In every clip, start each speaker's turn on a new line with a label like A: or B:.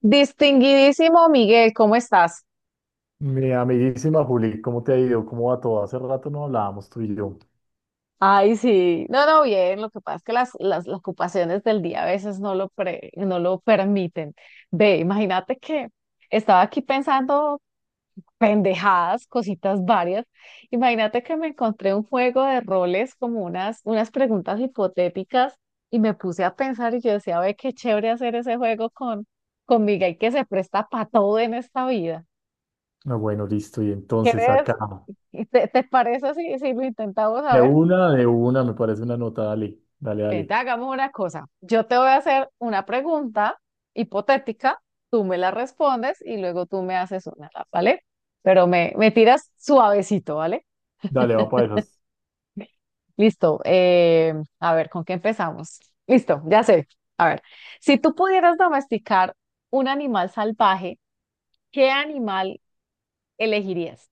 A: Distinguidísimo Miguel, ¿cómo estás?
B: Mi amiguísima Juli, ¿cómo te ha ido? ¿Cómo va todo? Hace rato no hablábamos tú y yo.
A: Ay, sí. No, no, bien, lo que pasa es que las ocupaciones del día a veces no lo permiten. Ve, imagínate que estaba aquí pensando pendejadas, cositas varias. Imagínate que me encontré un juego de roles como unas preguntas hipotéticas y me puse a pensar y yo decía, ve, qué chévere hacer ese juego con Miguel que se presta para todo en esta vida.
B: Ah, bueno, listo. Y entonces acá,
A: ¿Quieres? ¿Te parece si lo intentamos a ver?
B: de una, me parece una nota. Dale, dale,
A: Vente,
B: dale.
A: hagamos una cosa. Yo te voy a hacer una pregunta hipotética, tú me la respondes y luego tú me haces una, ¿vale? Pero me tiras suavecito, ¿vale?
B: Dale, va para esas.
A: Listo. A ver, ¿con qué empezamos? Listo, ya sé. A ver, si tú pudieras domesticar un animal salvaje, ¿qué animal elegirías?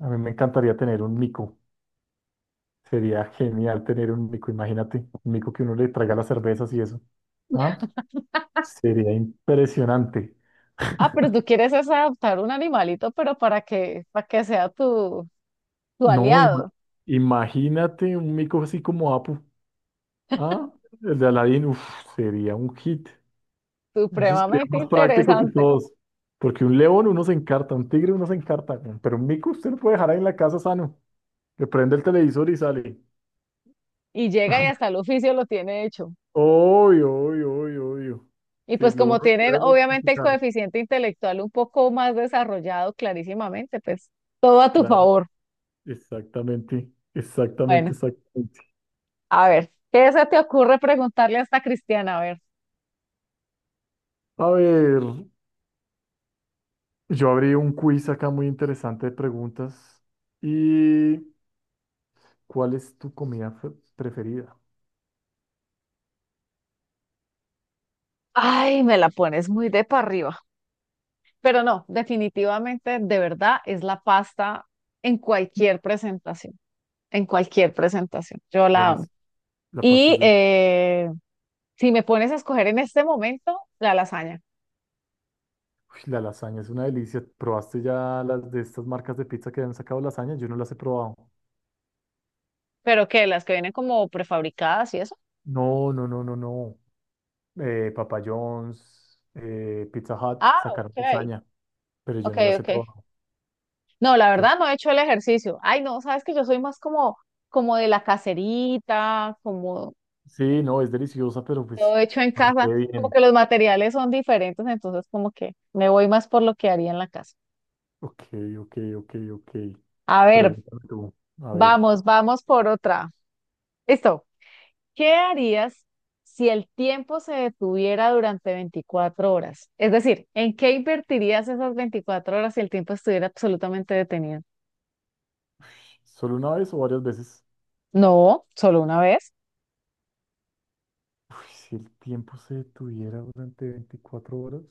B: A mí me encantaría tener un mico. Sería genial tener un mico, imagínate. Un mico que uno le traiga las cervezas y eso. ¿Ah? Sería impresionante.
A: Ah, pero tú quieres es adoptar un animalito, pero para que sea tu
B: No,
A: aliado.
B: imagínate un mico así como Apu. ¿Ah? El de Aladdin, uf, sería un hit. Eso sería
A: Supremamente
B: más práctico que
A: interesante.
B: todos. Porque un león uno se encarta, un tigre uno se encarta, weón, pero un mico usted lo puede dejar ahí en la casa sano. Le prende el televisor y sale.
A: Y llega y hasta el oficio lo tiene hecho.
B: Obvio, obvio, obvio, obvio.
A: Y
B: Sí,
A: pues
B: lo uno
A: como
B: lo
A: tienen
B: puede
A: obviamente el
B: domesticar.
A: coeficiente intelectual un poco más desarrollado clarísimamente, pues todo a tu
B: Claro,
A: favor.
B: exactamente, exactamente,
A: Bueno,
B: exactamente.
A: a ver, ¿qué se te ocurre preguntarle a esta Cristiana? A ver.
B: A ver, yo abrí un quiz acá muy interesante de preguntas. ¿Y cuál es tu comida preferida?
A: Ay, me la pones muy de para arriba. Pero no, definitivamente, de verdad, es la pasta en cualquier presentación, en cualquier presentación. Yo la amo.
B: Buenísimo. La pasta
A: Y
B: es del...
A: eh, si me pones a escoger en este momento, la lasaña,
B: La lasaña es una delicia. ¿Probaste ya las de estas marcas de pizza que han sacado lasaña? Yo no las he probado.
A: pero que las que vienen como prefabricadas y eso.
B: No, no, no, no, no. Papa John's, Pizza Hut
A: Ah,
B: sacaron
A: ok,
B: lasaña, pero yo
A: ok,
B: no las he
A: ok.
B: probado.
A: No, la
B: No,
A: verdad no he hecho el ejercicio. Ay, no, sabes que yo soy más como, como de la caserita, como
B: sí, no, es deliciosa, pero pues
A: todo hecho en
B: para que
A: casa,
B: quede
A: como
B: bien.
A: que los materiales son diferentes, entonces como que me voy más por lo que haría en la casa.
B: Ok, ok, ok, ok.
A: A ver,
B: Pregúntame tú. A ver,
A: vamos, vamos por otra. Listo. ¿Qué harías si el tiempo se detuviera durante 24 horas? Es decir, ¿en qué invertirías esas 24 horas si el tiempo estuviera absolutamente detenido?
B: ¿solo una vez o varias veces?
A: No, solo una vez.
B: Uy, si el tiempo se detuviera durante 24 horas,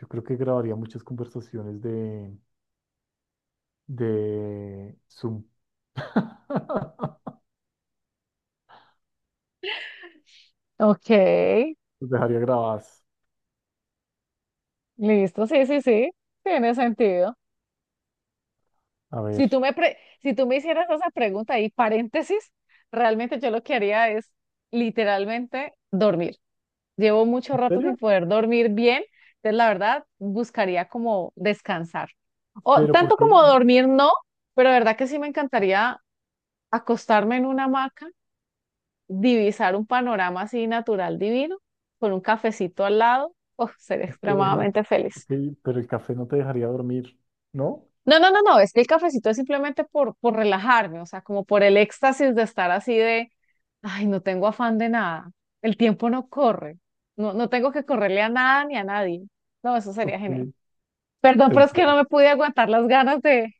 B: yo creo que grabaría muchas conversaciones de, Zoom.
A: Ok.
B: Los dejaría grabadas.
A: Listo, sí, sí, sí, tiene sentido.
B: A ver.
A: Si tú me hicieras esa pregunta y paréntesis, realmente yo lo que haría es literalmente dormir. Llevo mucho
B: ¿En
A: rato sin
B: serio?
A: poder dormir bien, entonces la verdad buscaría como descansar. O
B: ¿Pero por
A: tanto
B: qué?
A: como
B: No,
A: dormir no, pero la verdad que sí me encantaría acostarme en una hamaca, divisar un panorama así natural divino, con un cafecito al lado, oh, sería
B: ok,
A: extremadamente
B: ok,
A: feliz.
B: pero el café no te dejaría dormir, ¿no?
A: No, no, no, no, es que el cafecito es simplemente por relajarme, o sea, como por el éxtasis de estar así de, ay, no tengo afán de nada, el tiempo no corre, no, no tengo que correrle a nada ni a nadie. No, eso sería
B: Ok,
A: genial. Perdón,
B: te
A: pero es que no
B: entiendo.
A: me pude aguantar las ganas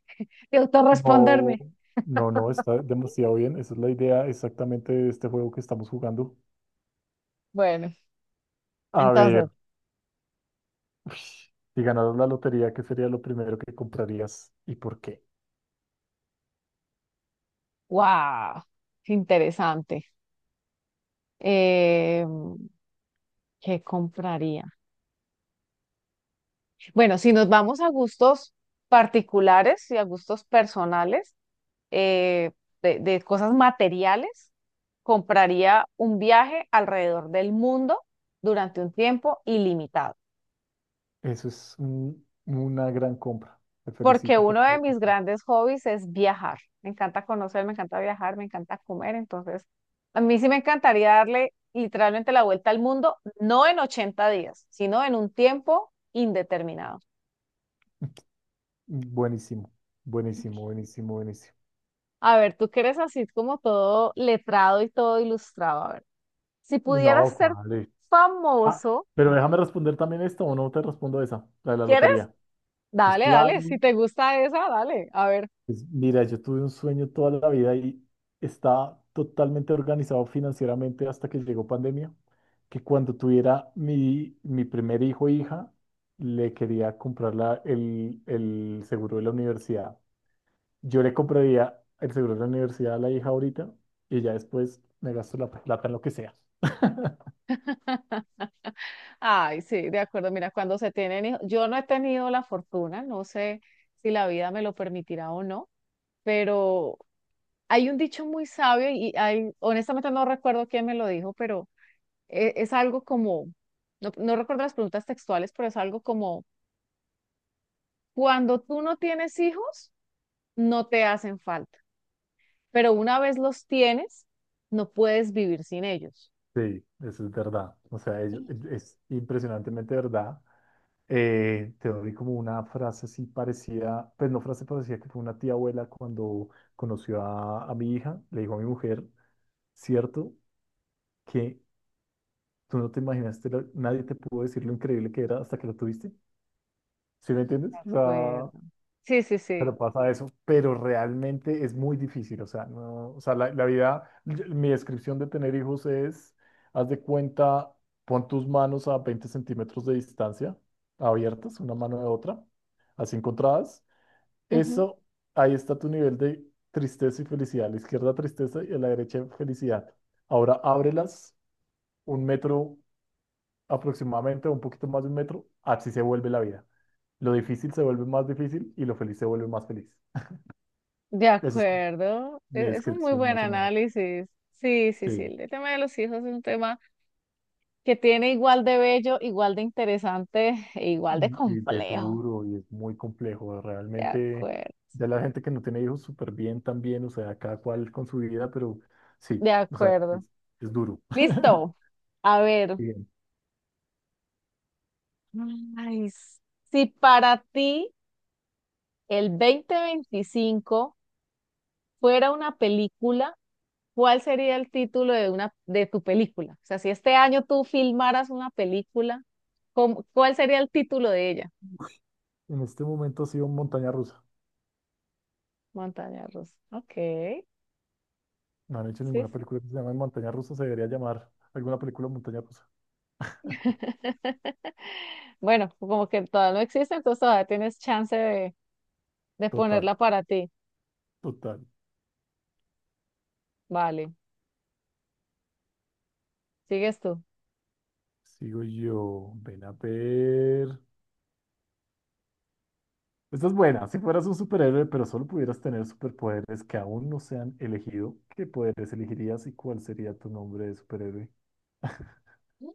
A: de
B: No,
A: autorresponderme.
B: no, no, está demasiado bien. Esa es la idea exactamente de este juego que estamos jugando.
A: Bueno,
B: A
A: entonces,
B: ver, uy, si ganaras la lotería, ¿qué sería lo primero que comprarías y por qué?
A: wow, interesante. Eh, ¿Qué compraría? Bueno, si nos vamos a gustos particulares y a gustos personales. eh, de cosas materiales, compraría un viaje alrededor del mundo durante un tiempo ilimitado,
B: Eso es un- una gran compra. Te
A: porque
B: felicito por...
A: uno de mis grandes hobbies es viajar. Me encanta conocer, me encanta viajar, me encanta comer, entonces a mí sí me encantaría darle literalmente la vuelta al mundo, no en 80 días, sino en un tiempo indeterminado.
B: Buenísimo, buenísimo, buenísimo, buenísimo.
A: A ver, tú que eres así como todo letrado y todo ilustrado, a ver, si pudieras
B: No,
A: ser
B: ¿cuál? Ah,
A: famoso,
B: pero déjame responder también esto o no te respondo esa, la de la
A: ¿quieres?
B: lotería. Pues
A: Dale,
B: claro,
A: dale, si te gusta esa, dale, a ver.
B: pues mira, yo tuve un sueño toda la vida y estaba totalmente organizado financieramente hasta que llegó pandemia, que cuando tuviera mi primer hijo o hija, le quería comprar el seguro de la universidad. Yo le compraría el seguro de la universidad a la hija ahorita y ya después me gasto la plata en lo que sea.
A: Ay, sí, de acuerdo. Mira, cuando se tienen hijos, yo no he tenido la fortuna, no sé si la vida me lo permitirá o no, pero hay un dicho muy sabio y hay, honestamente no recuerdo quién me lo dijo, pero es, algo como, no, no recuerdo las preguntas textuales, pero es algo como, cuando tú no tienes hijos, no te hacen falta, pero una vez los tienes, no puedes vivir sin ellos.
B: Sí, eso es verdad. O sea,
A: De
B: es impresionantemente verdad. Te doy como una frase así parecida, pues no frase parecida, que fue una tía abuela cuando conoció a, mi hija, le dijo a mi mujer, cierto, que tú no te imaginaste, nadie te pudo decir lo increíble que era hasta que lo tuviste. ¿Sí me entiendes? O sea,
A: acuerdo. Sí, sí, sí.
B: pero pasa eso, pero realmente es muy difícil, o sea, no, o sea, la vida, mi descripción de tener hijos es, haz de cuenta, pon tus manos a 20 centímetros de distancia, abiertas, una mano de otra, así encontradas,
A: Ujú.
B: eso, ahí está tu nivel de tristeza y felicidad, a la izquierda tristeza y a la derecha felicidad. Ahora ábrelas un metro aproximadamente, un poquito más de un metro, así se vuelve la vida. Lo difícil se vuelve más difícil y lo feliz se vuelve más feliz.
A: De
B: Eso es
A: acuerdo,
B: mi
A: es un muy
B: descripción
A: buen
B: más o menos.
A: análisis. Sí, sí, sí,
B: Sí,
A: el tema de los hijos es un tema que tiene igual de bello, igual de interesante e igual de
B: y es
A: complejo.
B: duro y es muy complejo.
A: De
B: Realmente,
A: acuerdo,
B: ya la gente que no tiene hijos súper bien también, o sea, cada cual con su vida, pero
A: de
B: sí, o sea,
A: acuerdo.
B: es duro.
A: Listo. A ver,
B: Bien.
A: ay, si para ti el 2025 fuera una película, ¿cuál sería el título de una de tu película? O sea, si este año tú filmaras una película, ¿cómo- cuál sería el título de ella?
B: En este momento ha sido Montaña Rusa.
A: Montaña rusa. Ok,
B: No han hecho
A: sí,
B: ninguna
A: sí.
B: película que se llame Montaña Rusa, se debería llamar alguna película Montaña Rusa.
A: Bueno, como que todavía no existe, entonces todavía tienes chance de
B: Total,
A: ponerla para ti.
B: total.
A: Vale, sigues tú.
B: Sigo yo, ven a ver. Esta es buena. Si fueras un superhéroe, pero solo pudieras tener superpoderes que aún no se han elegido, ¿qué poderes elegirías y cuál sería tu nombre de superhéroe?
A: Mm.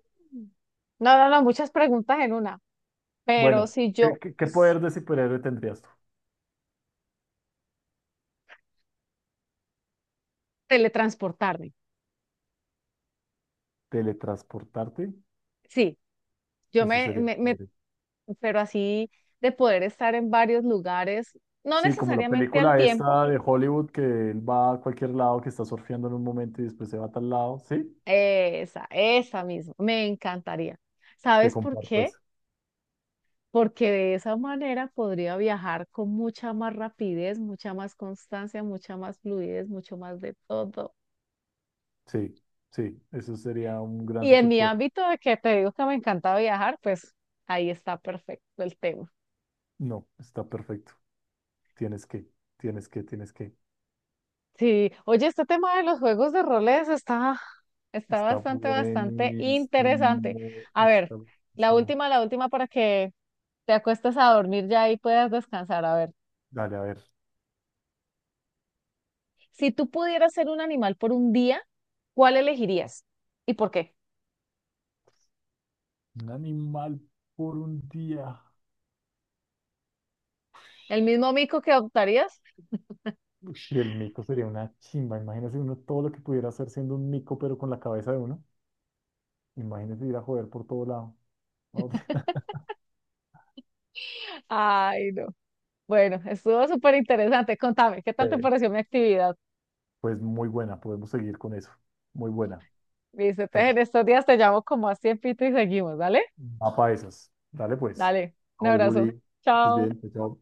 A: No, no, no, muchas preguntas en una, pero
B: Bueno,
A: si yo
B: ¿qué, qué- qué
A: s-
B: poder de superhéroe tendrías tú?
A: teletransportarme,
B: ¿Teletransportarte?
A: sí, yo
B: Eso
A: me,
B: sería
A: me, me-
B: chévere.
A: pero así de poder estar en varios lugares, no
B: Sí, como la
A: necesariamente al
B: película
A: tiempo,
B: esta de Hollywood que él va a cualquier lado, que está surfeando en un momento y después se va a tal lado. ¿Sí?
A: esa misma, me encantaría.
B: Te
A: ¿Sabes por
B: comparto
A: qué?
B: eso.
A: Porque de esa manera podría viajar con mucha más rapidez, mucha más constancia, mucha más fluidez, mucho más de todo.
B: Sí, sí, eso sería un gran
A: Y en mi
B: superpoder.
A: ámbito de que te digo que me encanta viajar, pues ahí está perfecto el tema.
B: No, está perfecto. Tienes que, tienes que, tienes que.
A: Sí, oye, este tema de los juegos de roles está
B: Está
A: bastante, bastante interesante.
B: buenísimo.
A: A ver,
B: Está buenísimo.
A: la última para que te acuestes a dormir ya y puedas descansar. A ver,
B: Dale, a ver.
A: si tú pudieras ser un animal por un día, ¿cuál elegirías? ¿Y por qué?
B: Un animal por un día.
A: ¿El mismo mico que adoptarías?
B: Ush, y el mico sería una chimba. Imagínese uno todo lo que pudiera hacer siendo un mico, pero con la cabeza de uno. Imagínese ir a joder por todo lado. ¿No?
A: Ay, no. Bueno, estuvo súper interesante. Contame, ¿qué tal te
B: Eh,
A: pareció mi actividad?
B: pues muy buena. Podemos seguir con eso. Muy buena.
A: Listo, entonces
B: Estamos.
A: en estos días te llamo como a tiempito y seguimos, ¿dale?
B: Va para esas. Dale, pues.
A: Dale, un
B: Chao,
A: abrazo.
B: Juli. Estás
A: Chao.
B: bien. Chao.